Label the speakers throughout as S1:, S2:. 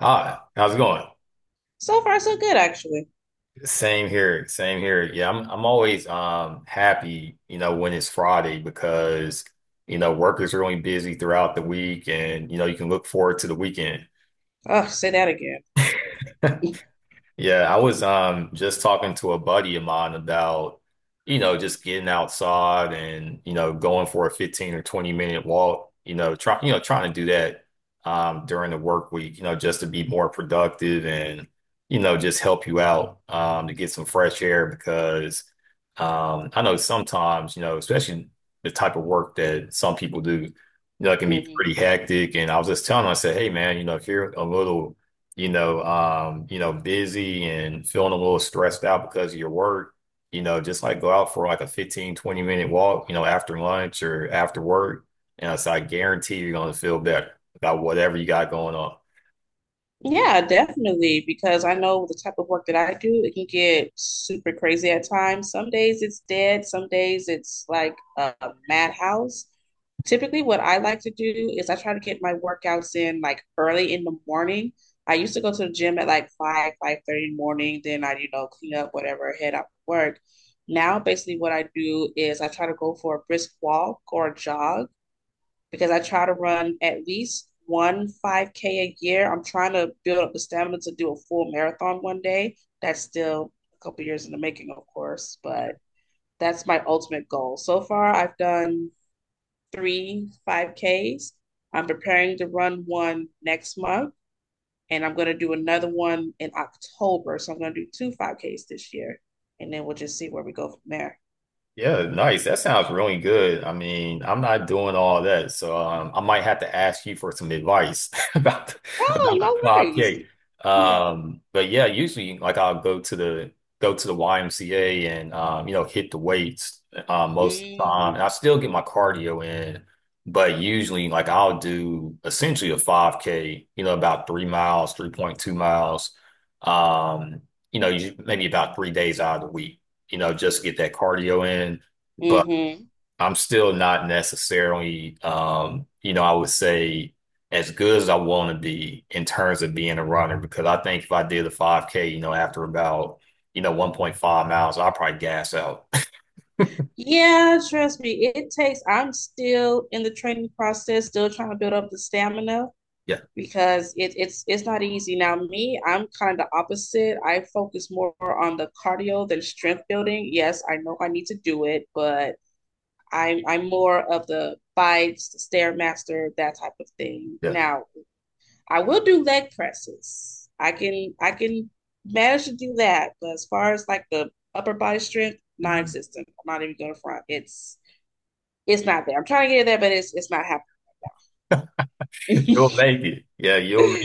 S1: Hi, how's it going?
S2: So far, so good, actually.
S1: Same here, same here. Yeah, I'm always happy, you know, when it's Friday because, you know, work is really busy throughout the week and, you know, you can look forward to the weekend.
S2: Oh, say that again.
S1: Yeah, I was just talking to a buddy of mine about, you know, just getting outside and, you know, going for a 15 or 20-minute walk, you know, trying to do that during the work week, you know, just to be more productive and, you know, just help you out to get some fresh air because I know sometimes, you know, especially the type of work that some people do, you know, it can be
S2: Hmm.
S1: pretty hectic. And I was just telling him, I said, hey man, you know, if you're a little you know, busy and feeling a little stressed out because of your work, you know, just like go out for like a 15, 20 minute walk, you know, after lunch or after work. And so I guarantee you're going to feel better about whatever you got going on.
S2: Yeah, definitely, because I know the type of work that I do, it can get super crazy at times. Some days it's dead, some days it's like a madhouse. Typically, what I like to do is I try to get my workouts in like early in the morning. I used to go to the gym at like five, 5:30 in the morning. Then I, you know, clean up whatever, head out to work. Now, basically, what I do is I try to go for a brisk walk or a jog because I try to run at least one 5K a year. I'm trying to build up the stamina to do a full marathon one day. That's still a couple years in the making, of course, but that's my ultimate goal. So far, I've done three 5Ks. I'm preparing to run one next month, and I'm going to do another one in October. So I'm going to do two 5Ks this year, and then we'll just see where we go from there.
S1: Yeah, nice. That sounds really good. I mean, I'm not doing all that, so I might have to ask you for some advice
S2: Oh,
S1: about
S2: no
S1: the club
S2: worries.
S1: cake. But yeah, usually like I'll go to the YMCA and you know, hit the weights most of the time,
S2: Mm.
S1: and I still get my cardio in. But usually, like I'll do essentially a 5K, you know, about 3 miles, 3.2 miles. Um, you know, usually maybe about 3 days out of the week, you know, just get that cardio in. But
S2: Mhm.
S1: I'm still not necessarily, you know, I would say as good as I want to be in terms of being a runner because I think if I did a 5K, you know, after about, you know, 1.5 miles, I'll probably gas out.
S2: Yeah, trust me, it takes. I'm still in the training process, still trying to build up the stamina
S1: Yeah,
S2: because it's not easy. Now, me, I'm kind of opposite. I focus more on the cardio than strength building. Yes, I know I need to do it, but I'm more of the bites, stairmaster, that type of thing.
S1: yeah.
S2: Now, I will do leg presses. I can manage to do that, but as far as like the upper body strength,
S1: Mhm.
S2: non-existent. I'm not even going to front. It's not there. I'm trying to get it there, but it's not
S1: You'll
S2: happening.
S1: make it. Yeah, you'll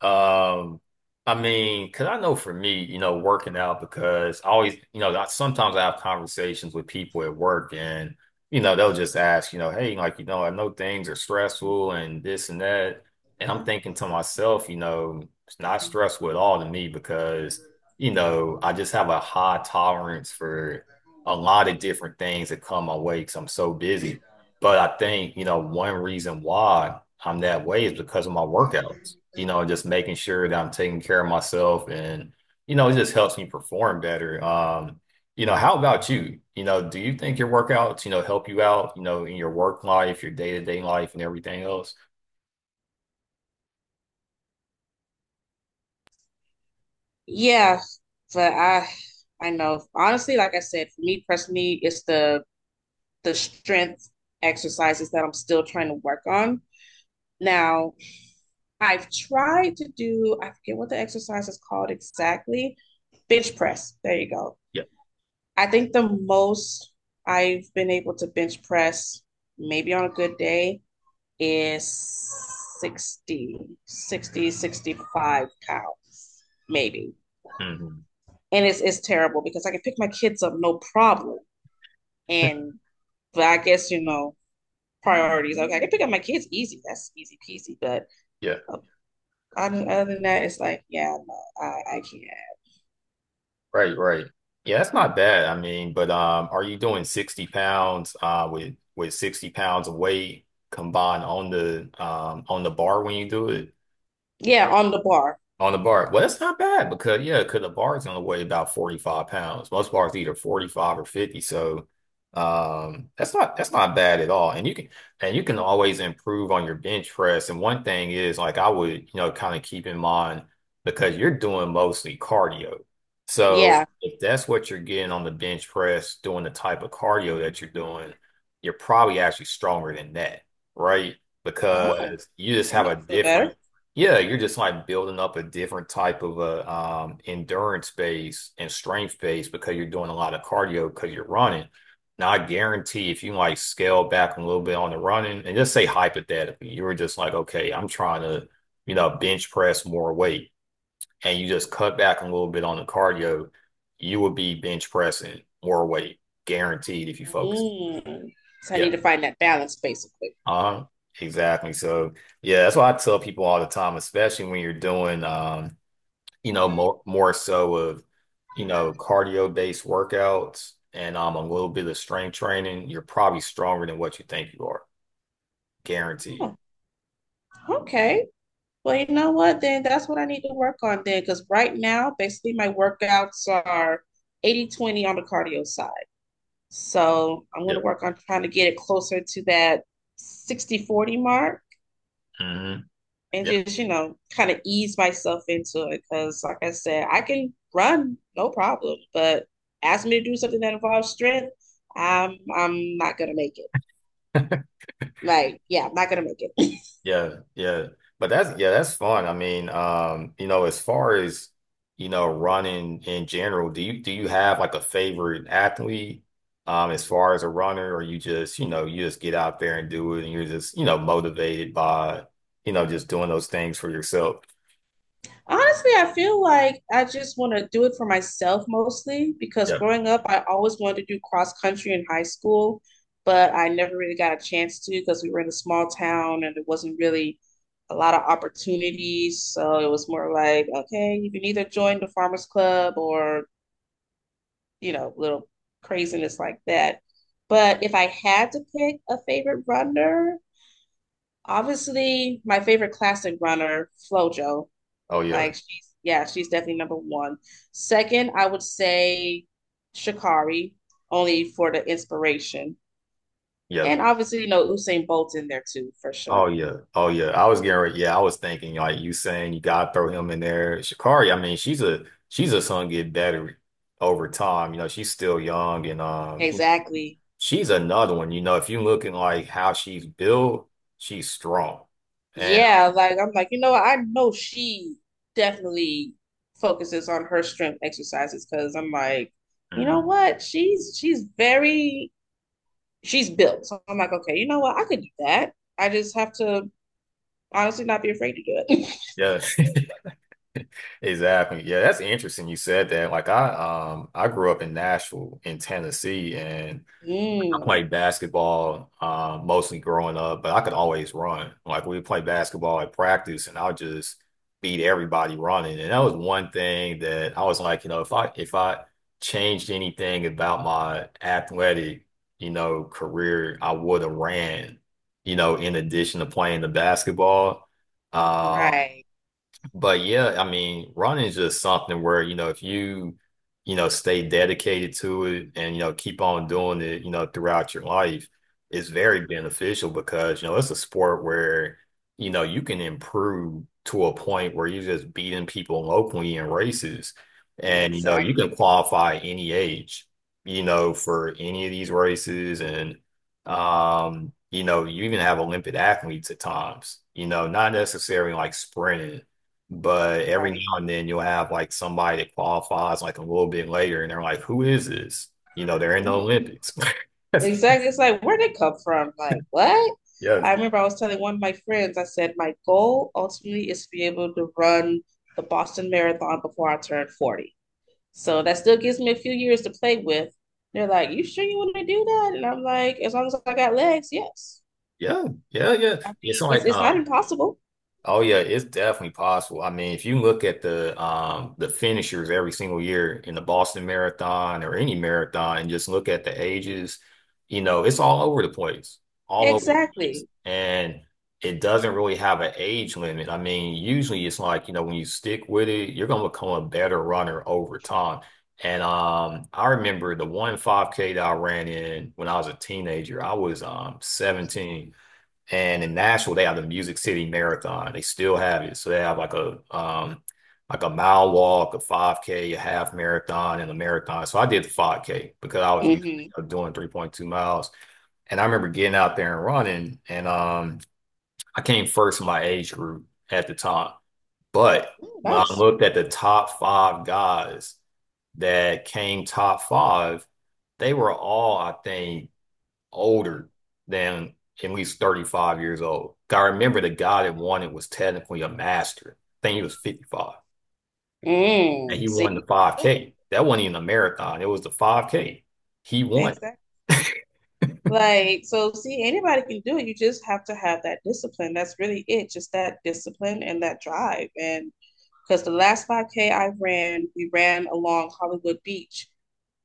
S1: Um, I mean, because I know for me, you know, working out because I always, you know, sometimes I have conversations with people at work and, you know, they'll just ask, you know, hey, like, you know, I know things are stressful and this and that. And I'm thinking to myself, you know, it's not stressful at all to me because, you know, I just have a high tolerance for a lot of different things that come my way because I'm so busy. But I think, you know, one reason why I'm that way is because of my workouts, you know, just making sure that I'm taking care of myself and, you know, it just helps me perform better. You know, how about you? You know, do you think your workouts, you know, help you out, you know, in your work life, your day-to-day life and everything else?
S2: Yeah, but I know honestly, like I said, for me personally, it's the strength exercises that I'm still trying to work on. Now, I've tried to do, I forget what the exercise is called exactly, bench press. There you go.
S1: Yeah.
S2: I think the most I've been able to bench press, maybe on a good day, is 60, 60, 65 60, cows, maybe.
S1: Mhm.
S2: And it's terrible because I can pick my kids up no problem. And but I guess, you know, priorities. Okay, I can pick up my kids easy. That's easy peasy. But
S1: Yeah,
S2: uh, other than that, it's like, yeah, no, I can't.
S1: right, right. Yeah, that's not bad. I mean, but are you doing 60 pounds with 60 pounds of weight combined on the bar when you do it?
S2: Yeah, on the bar.
S1: On the bar. Well, that's not bad because yeah, because the bar's only weigh about 45 pounds. Most bars either 45 or 50. So that's not bad at all. And you can always improve on your bench press. And one thing is like I would, you know, kind of keep in mind because you're doing mostly cardio. So
S2: Yeah.
S1: if that's what you're getting on the bench press, doing the type of cardio that you're doing, you're probably actually stronger than that, right?
S2: Oh,
S1: Because you just
S2: that
S1: have a
S2: makes me feel
S1: different
S2: better.
S1: Yeah, you're just like building up a different type of a endurance base and strength base because you're doing a lot of cardio because you're running. Now, I guarantee if you like scale back a little bit on the running and just say hypothetically, you were just like, okay, I'm trying to, you know, bench press more weight, and you just cut back a little bit on the cardio, you would be bench pressing more weight, guaranteed if you focus.
S2: Mm. So I need
S1: Yeah.
S2: to find that balance, basically.
S1: Uh-huh. Exactly. So, yeah, that's why I tell people all the time, especially when you're doing you know, more so of, you know, cardio-based workouts and a little bit of strength training, you're probably stronger than what you think you are, guaranteed.
S2: Oh, okay. Well, you know what? Then that's what I need to work on then, because right now, basically, my workouts are 80/20 on the cardio side. So I'm going to
S1: Yep.
S2: work on trying to get it closer to that 60/40 mark
S1: Mm-hmm.
S2: and
S1: Yeah,
S2: just, you know, kind of ease myself into it. Because, like I said, I can run no problem, but ask me to do something that involves strength, I'm not going to make it. Like, yeah, I'm not going to make it.
S1: yeah, yeah. But that's yeah, that's fun. I mean, you know, as far as you know, running in general, do you have like a favorite athlete as far as a runner, or you just, you know, you just get out there and do it and you're just, you know, motivated by, you know, just doing those things for yourself?
S2: Honestly, I feel like I just want to do it for myself mostly because
S1: Yeah.
S2: growing up, I always wanted to do cross country in high school, but I never really got a chance to because we were in a small town and there wasn't really a lot of opportunities. So it was more like, okay, you can either join the farmers club or, you know, little craziness like that. But if I had to pick a favorite runner, obviously my favorite classic runner, Flojo.
S1: Oh yeah.
S2: Like she's, yeah, she's definitely number one. Second, I would say Shakari, only for the inspiration.
S1: Yeah.
S2: And obviously, you know, Usain Bolt's in there too, for
S1: Oh
S2: sure.
S1: yeah. Oh yeah. I was getting ready. Yeah, I was thinking like you saying you gotta throw him in there. Shakari. I mean, she's a son get better over time. You know, she's still young and you know,
S2: Exactly.
S1: she's another one. You know, if you looking like how she's built, she's strong. And
S2: Yeah, like I'm like, you know, I know she definitely focuses on her strength exercises because I'm like, you know
S1: mm,
S2: what? She's very she's built. So I'm like, okay, you know what? I could do that. I just have to honestly not be afraid to do it.
S1: yeah. Exactly. Yeah, that's interesting you said that. I grew up in Nashville in Tennessee and I
S2: Mm,
S1: played basketball mostly growing up, but I could always run. Like we would play basketball at practice, and I would just beat everybody running. And that was one thing that I was like, you know, if I changed anything about my athletic, you know, career, I would have ran, you know, in addition to playing the basketball. Um,
S2: right.
S1: but yeah, I mean, running is just something where, you know, if you, you know, stay dedicated to it and, you know, keep on doing it, you know, throughout your life, it's very beneficial because, you know, it's a sport where, you know, you can improve to a point where you're just beating people locally in races. And, you know, you can
S2: Exactly.
S1: qualify any age, you know, for any of these races. And, you know, you even have Olympic athletes at times, you know, not necessarily like sprinting, but every
S2: Right.
S1: now and then you'll have like somebody that qualifies like a little bit later and they're like, who is this? You know, they're in the
S2: Yeah.
S1: Olympics.
S2: Exactly. It's like, where'd it come from? Like, what?
S1: Yeah.
S2: I remember I was telling one of my friends, I said, my goal ultimately is to be able to run the Boston Marathon before I turn 40. So that still gives me a few years to play with. They're like, you sure you want to do that? And I'm like, as long as I got legs, yes.
S1: Yeah. Yeah. Yeah.
S2: I
S1: Yeah. It's
S2: mean, it's,
S1: like
S2: it's not
S1: um
S2: impossible.
S1: Oh yeah, it's definitely possible. I mean, if you look at the finishers every single year in the Boston Marathon or any marathon and just look at the ages, you know, it's all over the place. All over the place.
S2: Exactly.
S1: And it doesn't really have an age limit. I mean, usually it's like, you know, when you stick with it, you're gonna become a better runner over time. And I remember the one 5K that I ran in when I was a teenager. I was 17, and in Nashville, they have the Music City Marathon. They still have it. So they have like a mile walk, a 5K, a half marathon, and a marathon. So I did the 5K because I was used
S2: Mm-hmm.
S1: to doing 3.2 miles. And I remember getting out there and running, and I came first in my age group at the time. But
S2: Mm,
S1: when I
S2: nice.
S1: looked at the top five guys that came top five, they were all, I think, older than at least 35 years old. I remember the guy that won it was technically a master. I think he was 55. And
S2: Mm.
S1: he won the
S2: See? There you go.
S1: 5K. That wasn't even a marathon. It was the 5K. He won.
S2: Exactly. Like, so see, anybody can do it. You just have to have that discipline. That's really it. Just that discipline and that drive. And because the last 5K I ran, we ran along Hollywood Beach.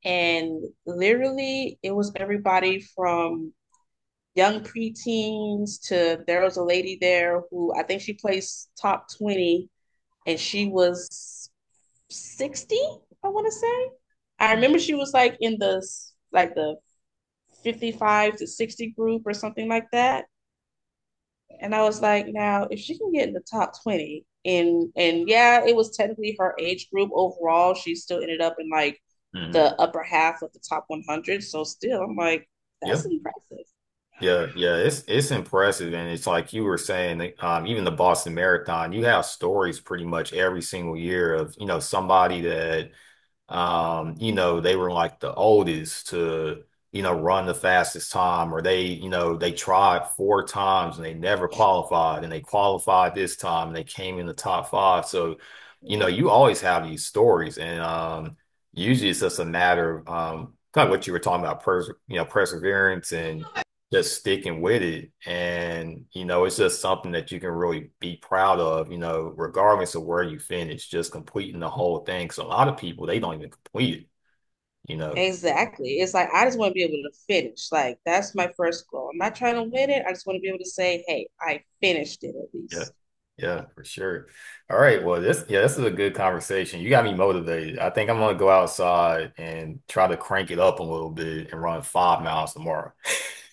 S2: And literally, it was everybody from young preteens to there was a lady there who I think she placed top 20 and she was 60, I want to say. I remember she was like in the 55 to 60 group or something like that. And I was like, now if she can get in the top 20 and yeah, it was technically her age group overall, she still ended up in like
S1: Mhm.
S2: the upper half of the top 100. So still, I'm like,
S1: Yeah.
S2: that's impressive.
S1: Yeah. Yeah. It's impressive. And it's like you were saying, like, even the Boston Marathon, you have stories pretty much every single year of, you know, somebody that you know, they were like the oldest to, you know, run the fastest time, or they, you know, they tried four times and they never qualified, and they qualified this time and they came in the top five. So, you know, you always have these stories, and usually it's just a matter of kind of what you were talking about, pers you know, perseverance and just sticking with it. And, you know, it's just something that you can really be proud of, you know, regardless of where you finish, just completing the whole thing. So a lot of people, they don't even complete it, you know.
S2: Exactly. It's like I just want to be able to finish. Like that's my first goal. I'm not trying to win it. I just want to be able to say, "Hey, I finished it at
S1: Yeah.
S2: least."
S1: Yeah, for sure. All right. Well, this, yeah, this is a good conversation. You got me motivated. I think I'm gonna go outside and try to crank it up a little bit and run 5 miles tomorrow.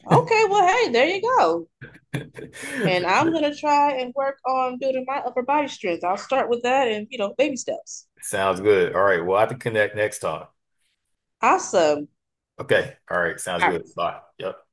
S2: Okay, well, hey, there you go. And
S1: For
S2: I'm
S1: sure.
S2: gonna try and work on building my upper body strength. I'll start with that and, you know, baby steps.
S1: Sounds good. All right. We'll have to connect next time.
S2: Awesome.
S1: Okay. All right. Sounds
S2: All right.
S1: good. Bye. Yep.